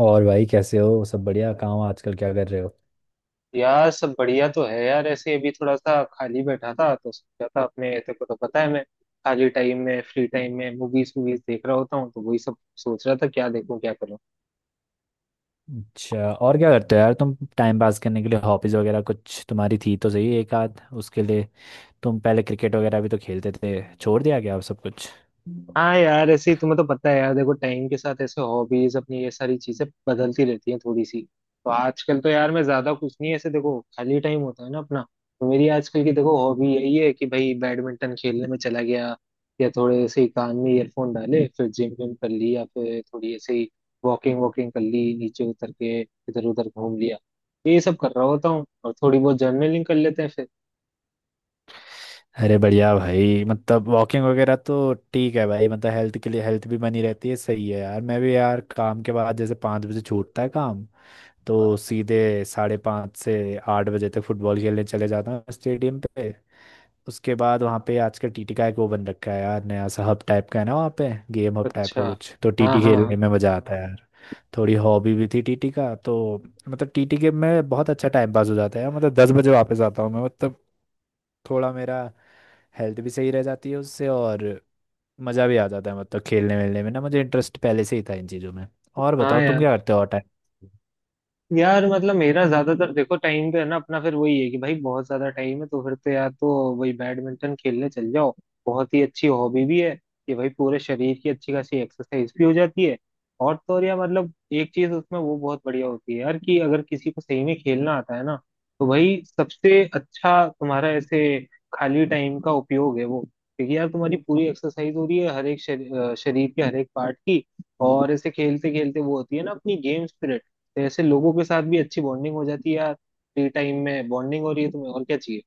और भाई कैसे हो? सब बढ़िया? कहाँ हो आजकल? क्या कर रहे हो? यार सब बढ़िया तो है यार। ऐसे अभी थोड़ा सा खाली बैठा था तो सोचा था, अपने तेरे को तो पता है मैं खाली टाइम में, फ्री टाइम में मूवीज वूवीज देख रहा होता हूँ, तो वही सब सोच रहा था क्या देखूं क्या करूं। अच्छा, और क्या करते हो यार तुम टाइम पास करने के लिए? हॉबीज वगैरह कुछ तुम्हारी थी तो सही, एक आध उसके लिए। तुम पहले क्रिकेट वगैरह भी तो खेलते थे, छोड़ दिया क्या अब सब कुछ? हाँ यार ऐसे ही, तुम्हें तो पता है यार, देखो टाइम के साथ ऐसे हॉबीज अपनी ये सारी चीजें बदलती रहती हैं थोड़ी सी। तो आजकल तो यार मैं ज्यादा कुछ नहीं, ऐसे देखो खाली टाइम होता है ना अपना, तो मेरी आजकल की देखो हॉबी यही है कि भाई बैडमिंटन खेलने में चला गया, या थोड़े ऐसे ही कान में ईयरफोन डाले फिर जिम विम कर ली, या फिर थोड़ी ऐसे ही वॉकिंग वॉकिंग कर ली, नीचे उतर के इधर उधर घूम लिया। ये सब कर रहा होता हूँ और थोड़ी बहुत जर्नलिंग कर लेते हैं फिर। अरे बढ़िया भाई, मतलब वॉकिंग वगैरह तो ठीक है भाई, मतलब हेल्थ के लिए, हेल्थ भी बनी रहती है। सही है यार, मैं भी यार काम के बाद जैसे 5 बजे छूटता है काम, तो सीधे 5:30 से 8 बजे तक फुटबॉल खेलने चले जाता हूँ स्टेडियम पे। उसके बाद वहाँ पे आजकल टीटी का एक वो बन रखा है यार, नया सा हब टाइप का है ना, वहाँ पे गेम हब टाइप अच्छा। का कुछ, तो हाँ टीटी हाँ खेलने हाँ। में मजा आता है यार। थोड़ी हॉबी भी थी टीटी का तो। मतलब टीटी गेम में बहुत अच्छा टाइम पास हो जाता है यार, मतलब 10 बजे वापस आता हूँ मैं। मतलब थोड़ा मेरा हेल्थ भी सही रह जाती है उससे, और मज़ा भी आ जाता है, मतलब खेलने वेलने में ना मुझे इंटरेस्ट पहले से ही था इन चीज़ों में। और हाँ बताओ तुम यार। क्या करते हो और टाइम? यार मतलब मेरा ज्यादातर देखो टाइम तो है ना अपना, फिर वही है कि भाई बहुत ज्यादा टाइम है तो फिर तो यार तो वही बैडमिंटन खेलने चल जाओ। बहुत ही अच्छी हॉबी भी है कि भाई पूरे शरीर की अच्छी खासी एक्सरसाइज भी हो जाती है। और तो और यार, मतलब एक चीज उसमें वो बहुत बढ़िया होती है यार, कि अगर किसी को सही में खेलना आता है ना तो भाई सबसे अच्छा तुम्हारा ऐसे खाली टाइम का उपयोग है वो। क्योंकि यार तुम्हारी पूरी एक्सरसाइज हो रही है, हर एक शरीर के हर एक पार्ट की। और ऐसे खेलते खेलते वो होती है ना अपनी गेम स्पिरिट, तो ऐसे लोगों के साथ भी अच्छी बॉन्डिंग हो जाती है यार। फ्री टाइम में बॉन्डिंग हो रही है तुम्हें और क्या चाहिए।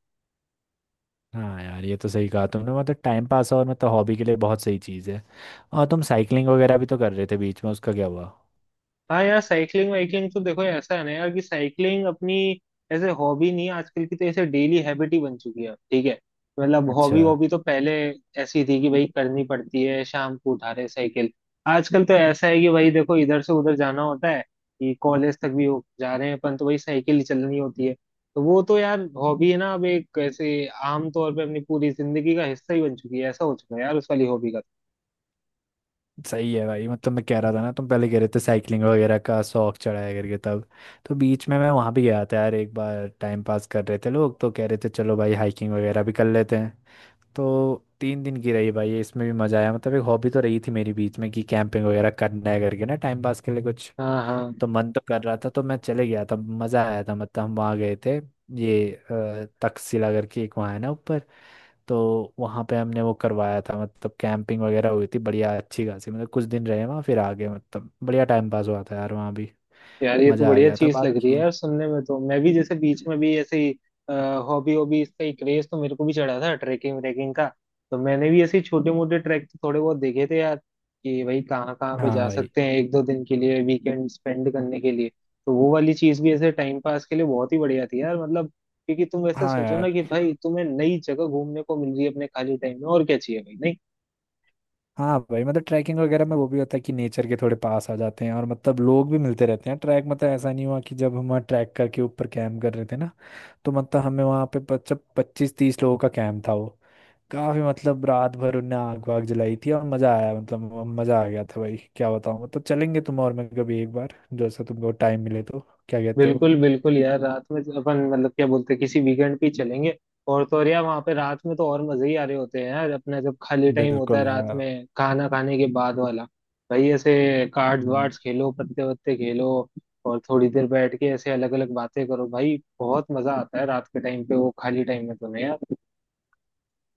हाँ यार, ये तो सही कहा तुमने, मतलब टाइम पास और मतलब हॉबी के लिए बहुत सही चीज़ है। और तुम साइकिलिंग वगैरह भी तो कर रहे थे बीच में, उसका क्या हुआ? हाँ यार साइकिलिंग वाइकलिंग तो देखो ऐसा है ना यार कि साइकिलिंग अपनी ऐसे हॉबी नहीं है आजकल की, तो ऐसे डेली हैबिट ही बन चुकी है ठीक है। मतलब अच्छा। हॉबी वॉबी तो पहले ऐसी थी कि भाई करनी पड़ती है शाम को, उठा रहे साइकिल। आजकल तो ऐसा है कि भाई देखो इधर से उधर जाना होता है, कि कॉलेज तक भी हो जा रहे हैं अपन तो भाई साइकिल ही चलनी होती है। तो वो तो यार हॉबी है ना अब एक, ऐसे आम तौर पे अपनी पूरी जिंदगी का हिस्सा ही बन चुकी है, ऐसा हो चुका है यार उस वाली हॉबी का। सही है भाई, मतलब मैं कह रहा था ना, तुम पहले कह रहे थे साइकिलिंग वगैरह का शौक चढ़ाया करके तब। तो बीच में मैं वहाँ भी गया था यार एक बार, टाइम पास कर रहे थे लोग तो कह रहे थे चलो भाई हाइकिंग वगैरह भी कर लेते हैं। तो 3 दिन की रही भाई, इसमें भी मज़ा आया। मतलब एक हॉबी तो रही थी मेरी बीच में कि कैंपिंग वगैरह करना है करके ना, टाइम पास के लिए कुछ। हाँ हाँ। तो मन तो कर रहा था, तो मैं चले गया था, मज़ा आया था। मतलब हम वहाँ गए थे, ये तक्षशिला करके एक वहाँ है ना ऊपर। तो वहाँ पे हमने वो करवाया था, मतलब कैंपिंग वगैरह हुई थी बढ़िया अच्छी खासी, मतलब कुछ दिन रहे वहाँ फिर आ गए। मतलब बढ़िया टाइम पास हुआ था यार वहाँ भी, यार ये तो मज़ा आ बढ़िया गया था चीज लग रही है बाकी। यार सुनने में, तो मैं भी जैसे बीच में भी ऐसे ही हॉबी हॉबी, इसका ही क्रेज तो मेरे को भी चढ़ा था ट्रैकिंग व्रेकिंग का। तो मैंने भी ऐसे छोटे मोटे ट्रैक तो थोड़े बहुत देखे थे यार, कि भाई कहाँ कहाँ पे हाँ जा भाई। सकते हैं एक दो दिन के लिए वीकेंड स्पेंड करने के लिए। तो वो वाली चीज भी ऐसे टाइम पास के लिए बहुत ही बढ़िया थी यार, मतलब क्योंकि तुम ऐसे हाँ सोचो यार। ना कि भाई तुम्हें नई जगह घूमने को मिल रही है अपने खाली टाइम में, और क्या चाहिए भाई। हाँ भाई, मतलब ट्रैकिंग वगैरह में वो भी होता है कि नेचर के थोड़े पास आ जाते हैं, और मतलब लोग भी मिलते रहते हैं ट्रैक। मतलब ऐसा नहीं हुआ कि जब हम वहाँ ट्रैक करके ऊपर कैंप कर रहे थे ना, तो मतलब हमें वहाँ पे 25 25 30 लोगों का कैंप था वो काफी। मतलब रात भर उनने आग वाग जलाई थी और मजा आया, मतलब मजा आ गया था भाई, क्या बताऊं। मतलब चलेंगे तुम और मैं कभी एक बार, जैसा तुमको टाइम मिले तो। क्या कहते हो? बिल्कुल बिल्कुल यार, रात में तो अपन मतलब क्या बोलते हैं, किसी वीकेंड पे ही चलेंगे। और तो और यार वहाँ पे रात में तो और मजे ही आ रहे होते हैं यार, अपना जब खाली टाइम होता है बिल्कुल रात यार। में खाना खाने के बाद वाला, भाई ऐसे कार्ड्स हम्म, वार्ड्स खेलो पत्ते वत्ते खेलो और थोड़ी देर बैठ के ऐसे अलग अलग बातें करो, भाई बहुत मजा आता है रात के टाइम पे वो खाली टाइम में, तो नहीं यार।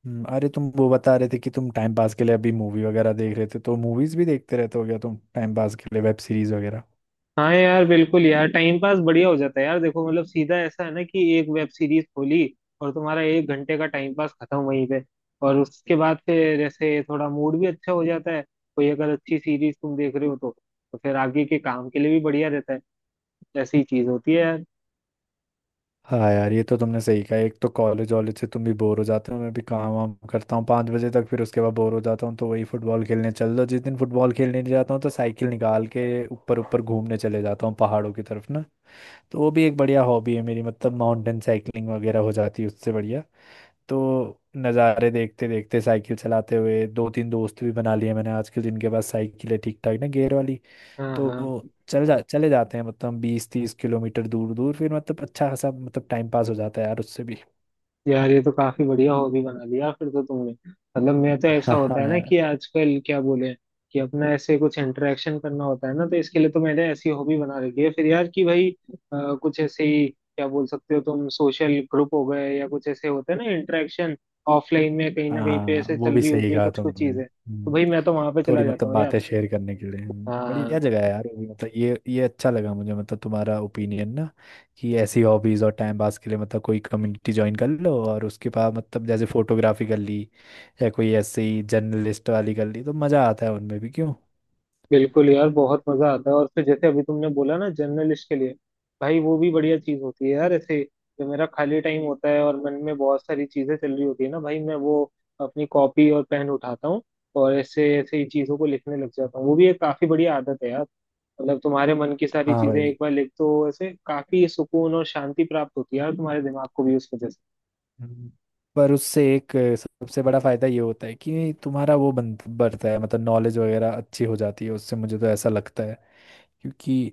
अरे तुम वो बता रहे थे कि तुम टाइम पास के लिए अभी मूवी वगैरह देख रहे थे, तो मूवीज भी देखते रहते हो क्या तुम टाइम पास के लिए, वेब सीरीज वगैरह? हाँ यार बिल्कुल यार, टाइम पास बढ़िया हो जाता है यार, देखो मतलब सीधा ऐसा है ना कि एक वेब सीरीज खोली और तुम्हारा 1 घंटे का टाइम पास खत्म वहीं पे। और उसके बाद फिर ऐसे थोड़ा मूड भी अच्छा हो जाता है, कोई अगर अच्छी सीरीज तुम देख रहे हो तो फिर आगे के काम के लिए भी बढ़िया रहता है। ऐसी चीज होती है यार। हाँ यार, ये तो तुमने सही कहा। एक तो कॉलेज वॉलेज से तुम भी बोर हो जाते हो, मैं भी काम वाम करता हूँ 5 बजे तक, फिर उसके बाद बोर हो जाता हूँ, तो वही फुटबॉल खेलने चल दो। जिस दिन फुटबॉल खेलने नहीं जाता हूँ, तो साइकिल निकाल के ऊपर ऊपर घूमने चले जाता हूँ पहाड़ों की तरफ ना। तो वो भी एक बढ़िया हॉबी है मेरी, मतलब माउंटेन साइकिलिंग वगैरह हो जाती है उससे बढ़िया। तो नज़ारे देखते देखते साइकिल चलाते हुए दो तीन दोस्त भी बना लिए मैंने आजकल, जिनके पास साइकिल है ठीक ठाक ना, गेयर वाली। हाँ तो हाँ। चल जा चले जाते हैं, मतलब 20-30 किलोमीटर दूर दूर, फिर मतलब अच्छा खासा, मतलब टाइम पास हो जाता है यार उससे भी। यार ये तो काफी बढ़िया हॉबी बना लिया फिर तो तुमने। मतलब मैं तो, ऐसा हाँ होता हाँ है ना यार। कि आजकल क्या बोले, कि अपना ऐसे कुछ इंटरेक्शन करना होता है ना, तो इसके लिए तो मैंने ऐसी हॉबी बना रखी है फिर यार, कि भाई कुछ ऐसे ही क्या बोल सकते हो तुम, सोशल ग्रुप हो गए या कुछ ऐसे होते हैं ना इंटरेक्शन, ऑफलाइन में कहीं ना कहीं पे हाँ, ऐसे वो चल भी रही सही होती है कहा कुछ कुछ तुमने। चीजें, तो भाई मैं तो वहां पे चला थोड़ी जाता मतलब हूँ यार। बातें शेयर करने के लिए बढ़िया हाँ। जगह है यार वो भी। मतलब ये अच्छा लगा मुझे, मतलब तुम्हारा ओपिनियन ना, कि ऐसी हॉबीज और टाइम पास के लिए मतलब कोई कम्युनिटी ज्वाइन कर लो, और उसके बाद मतलब जैसे फोटोग्राफी कर ली, या कोई ऐसे ही जर्नलिस्ट वाली कर ली, तो मज़ा आता है उनमें भी, क्यों? बिल्कुल यार बहुत मजा आता है। और फिर जैसे अभी तुमने बोला ना जर्नलिस्ट के लिए, भाई वो भी बढ़िया चीज होती है यार। ऐसे जो मेरा खाली टाइम होता है और मन में बहुत सारी चीजें चल रही होती है ना भाई, मैं वो अपनी कॉपी और पेन उठाता हूँ और ऐसे ऐसे ही चीजों को लिखने लग जाता हूँ। वो भी एक काफी बढ़िया आदत है यार। मतलब तुम्हारे मन की सारी हाँ चीजें एक भाई। बार लिख दो ऐसे, काफी सुकून और शांति प्राप्त होती है यार तुम्हारे दिमाग को भी उस वजह से। हम्म। पर उससे एक सबसे बड़ा फायदा ये होता है कि तुम्हारा वो बढ़ता है, मतलब नॉलेज वगैरह अच्छी हो जाती है उससे, मुझे तो ऐसा लगता है। क्योंकि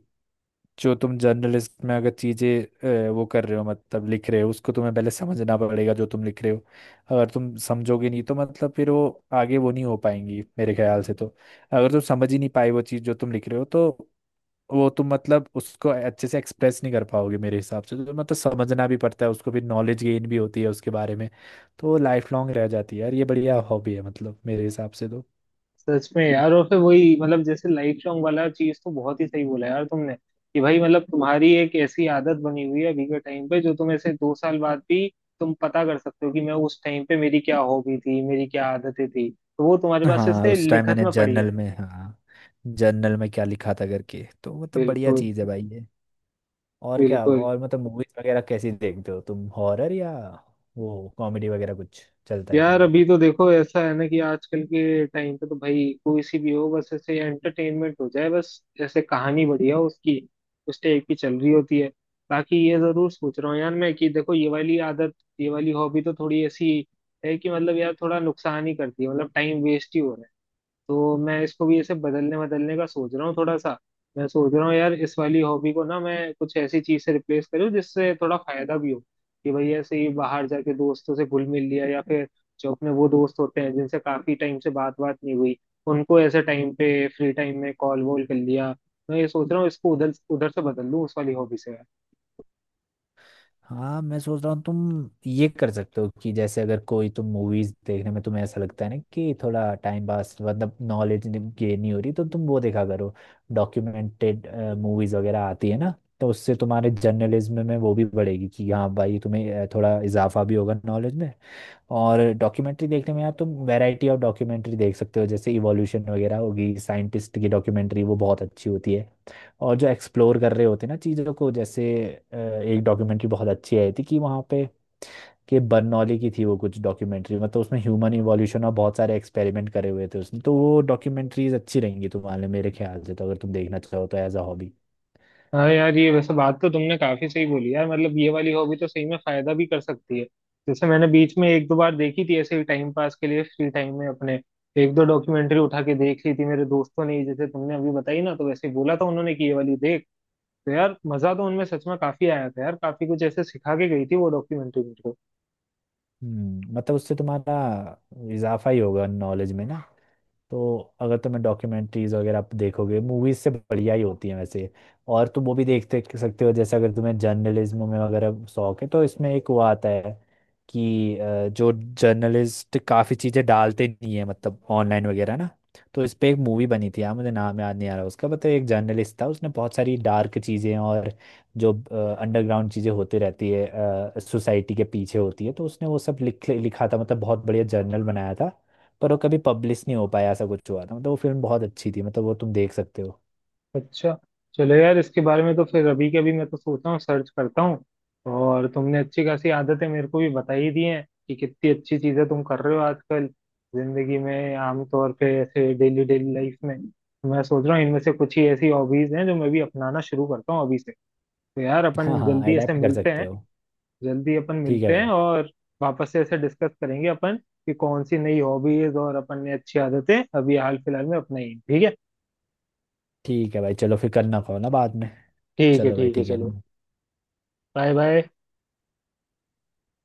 जो तुम जर्नलिस्ट में अगर चीज़ें वो कर रहे हो मतलब लिख रहे हो, उसको तुम्हें पहले समझना पड़ेगा जो तुम लिख रहे हो। अगर तुम समझोगे नहीं, तो मतलब फिर वो आगे वो नहीं हो पाएंगी मेरे ख्याल से तो। अगर तुम समझ ही नहीं पाए वो चीज़ जो तुम लिख रहे हो, तो वो तुम मतलब उसको अच्छे से एक्सप्रेस नहीं कर पाओगे मेरे हिसाब से तो। मतलब समझना भी पड़ता है उसको, फिर नॉलेज गेन भी होती है उसके बारे में। तो लाइफ लॉन्ग रह जाती है यार, ये बढ़िया हॉबी है मतलब मेरे हिसाब से तो। सच में यार। और फिर वही मतलब जैसे लाइट सॉन्ग वाला चीज, तो बहुत ही सही बोला यार तुमने, कि भाई मतलब तुम्हारी एक ऐसी आदत बनी हुई है अभी के टाइम पे, जो तुम ऐसे 2 साल बाद भी तुम पता कर सकते हो कि मैं उस टाइम पे मेरी क्या हॉबी थी, मेरी क्या आदतें थी, तो वो तुम्हारे पास हाँ, ऐसे उस टाइम लिखत मैंने में पड़ी है। जर्नल में, हाँ, जर्नल में क्या लिखा था करके। तो मतलब बढ़िया बिल्कुल। चीज़ है भाई ये। और क्या, बिल्कुल। और मतलब मूवीज वगैरह कैसी देखते हो तुम, हॉरर या वो कॉमेडी वगैरह कुछ चलता है यार अभी तुम्हारा? तो देखो ऐसा है ना कि आजकल के टाइम पे तो भाई कोई सी भी हो, बस ऐसे एंटरटेनमेंट हो जाए बस, ऐसे कहानी बढ़िया हो उसकी, उस टाइप की चल रही होती है। बाकी ये जरूर सोच रहा हूँ यार मैं, कि देखो ये वाली आदत, ये वाली हॉबी तो थोड़ी ऐसी है कि मतलब यार थोड़ा नुकसान ही करती है, मतलब टाइम वेस्ट ही हो रहा है। तो मैं इसको भी ऐसे बदलने बदलने का सोच रहा हूँ थोड़ा सा। मैं सोच रहा हूँ यार इस वाली हॉबी को ना मैं कुछ ऐसी चीज से रिप्लेस करूँ जिससे थोड़ा फायदा भी हो, कि भाई ऐसे ही बाहर जाके दोस्तों से घुल मिल लिया, या फिर जो अपने वो दोस्त होते हैं जिनसे काफी टाइम से बात बात नहीं हुई, उनको ऐसे टाइम पे फ्री टाइम में कॉल वॉल कर लिया। मैं ये सोच रहा हूँ इसको उधर उधर से बदल लूँ उस वाली हॉबी से। हाँ, मैं सोच रहा हूँ तुम ये कर सकते हो कि जैसे अगर कोई तुम मूवीज देखने में तुम्हें ऐसा लगता है ना कि थोड़ा टाइम पास, मतलब नॉलेज गेन नहीं हो रही, तो तुम वो देखा करो, डॉक्यूमेंटेड मूवीज वगैरह आती है ना। तो उससे तुम्हारे जर्नलिज्म में वो भी बढ़ेगी, कि हाँ भाई तुम्हें थोड़ा इजाफा भी होगा नॉलेज में। और डॉक्यूमेंट्री देखने में आप तुम वैरायटी ऑफ डॉक्यूमेंट्री देख सकते हो, जैसे इवोल्यूशन वगैरह होगी, साइंटिस्ट की डॉक्यूमेंट्री, वो बहुत अच्छी होती है। और जो एक्सप्लोर कर रहे होते हैं ना चीज़ों को, जैसे एक डॉक्यूमेंट्री बहुत अच्छी आई थी कि वहाँ पे, कि बर्नौली की थी वो कुछ डॉक्यूमेंट्री, मतलब उसमें ह्यूमन इवोल्यूशन और बहुत सारे एक्सपेरिमेंट करे हुए थे उसने। तो वो डॉक्यूमेंट्रीज अच्छी रहेंगी तुम्हारे लिए मेरे ख्याल से तो, अगर तुम देखना चाहो तो, एज अ हॉबी। हाँ यार ये वैसे बात तो तुमने काफी सही बोली यार, मतलब ये वाली हॉबी तो सही में फायदा भी कर सकती है। जैसे मैंने बीच में एक दो बार देखी थी ऐसे ही टाइम पास के लिए फ्री टाइम में अपने, एक दो डॉक्यूमेंट्री उठा के देख ली थी मेरे दोस्तों ने ही, जैसे तुमने अभी बताई ना, तो वैसे ही बोला था उन्होंने कि ये वाली देख। तो यार मजा तो उनमें सच में काफी आया था यार, काफी कुछ ऐसे सिखा के गई थी वो डॉक्यूमेंट्री मेरे को। मतलब उससे तुम्हारा इजाफा ही होगा नॉलेज में ना। तो अगर तुम्हें डॉक्यूमेंट्रीज वगैरह आप देखोगे, मूवीज से बढ़िया ही होती है वैसे। और तुम वो भी देख देख सकते हो, जैसे अगर तुम्हें जर्नलिज्म में वगैरह शौक है, तो इसमें एक वो आता है कि जो जर्नलिस्ट काफ़ी चीज़ें डालते नहीं है मतलब ऑनलाइन वगैरह ना। तो इस पे एक मूवी बनी थी यार, मुझे नाम याद नहीं आ रहा उसका, बट एक जर्नलिस्ट था, उसने बहुत सारी डार्क चीज़ें और जो अंडरग्राउंड चीज़ें होती रहती है सोसाइटी के पीछे होती है, तो उसने वो सब लिखा था, मतलब बहुत बढ़िया जर्नल बनाया था। पर वो कभी पब्लिश नहीं हो पाया, ऐसा कुछ हुआ था। मतलब वो फिल्म बहुत अच्छी थी, मतलब वो तुम देख सकते हो। अच्छा। चलो यार इसके बारे में तो फिर अभी के अभी मैं तो सोच रहा हूँ सर्च करता हूँ। और तुमने अच्छी खासी आदतें मेरे को भी बता ही दी हैं, कि कितनी अच्छी चीजें तुम कर रहे हो आजकल जिंदगी में, आमतौर पे ऐसे डेली डेली लाइफ में। मैं सोच रहा हूँ इनमें से कुछ ही ऐसी हॉबीज हैं जो मैं भी अपनाना शुरू करता हूँ अभी से। तो यार हाँ अपन हाँ, जल्दी ऐसे अडेप्ट कर मिलते सकते हैं, हो। जल्दी अपन ठीक है मिलते हैं, भाई। और वापस से ऐसे डिस्कस करेंगे अपन, कि कौन सी नई हॉबीज और अपन ने अच्छी आदतें अभी हाल फिलहाल में अपनाई हैं। ठीक है। ठीक है भाई, चलो फिर करना कॉल ना बाद में। ठीक है चलो भाई, ठीक है। ठीक चलो। है। Bye bye.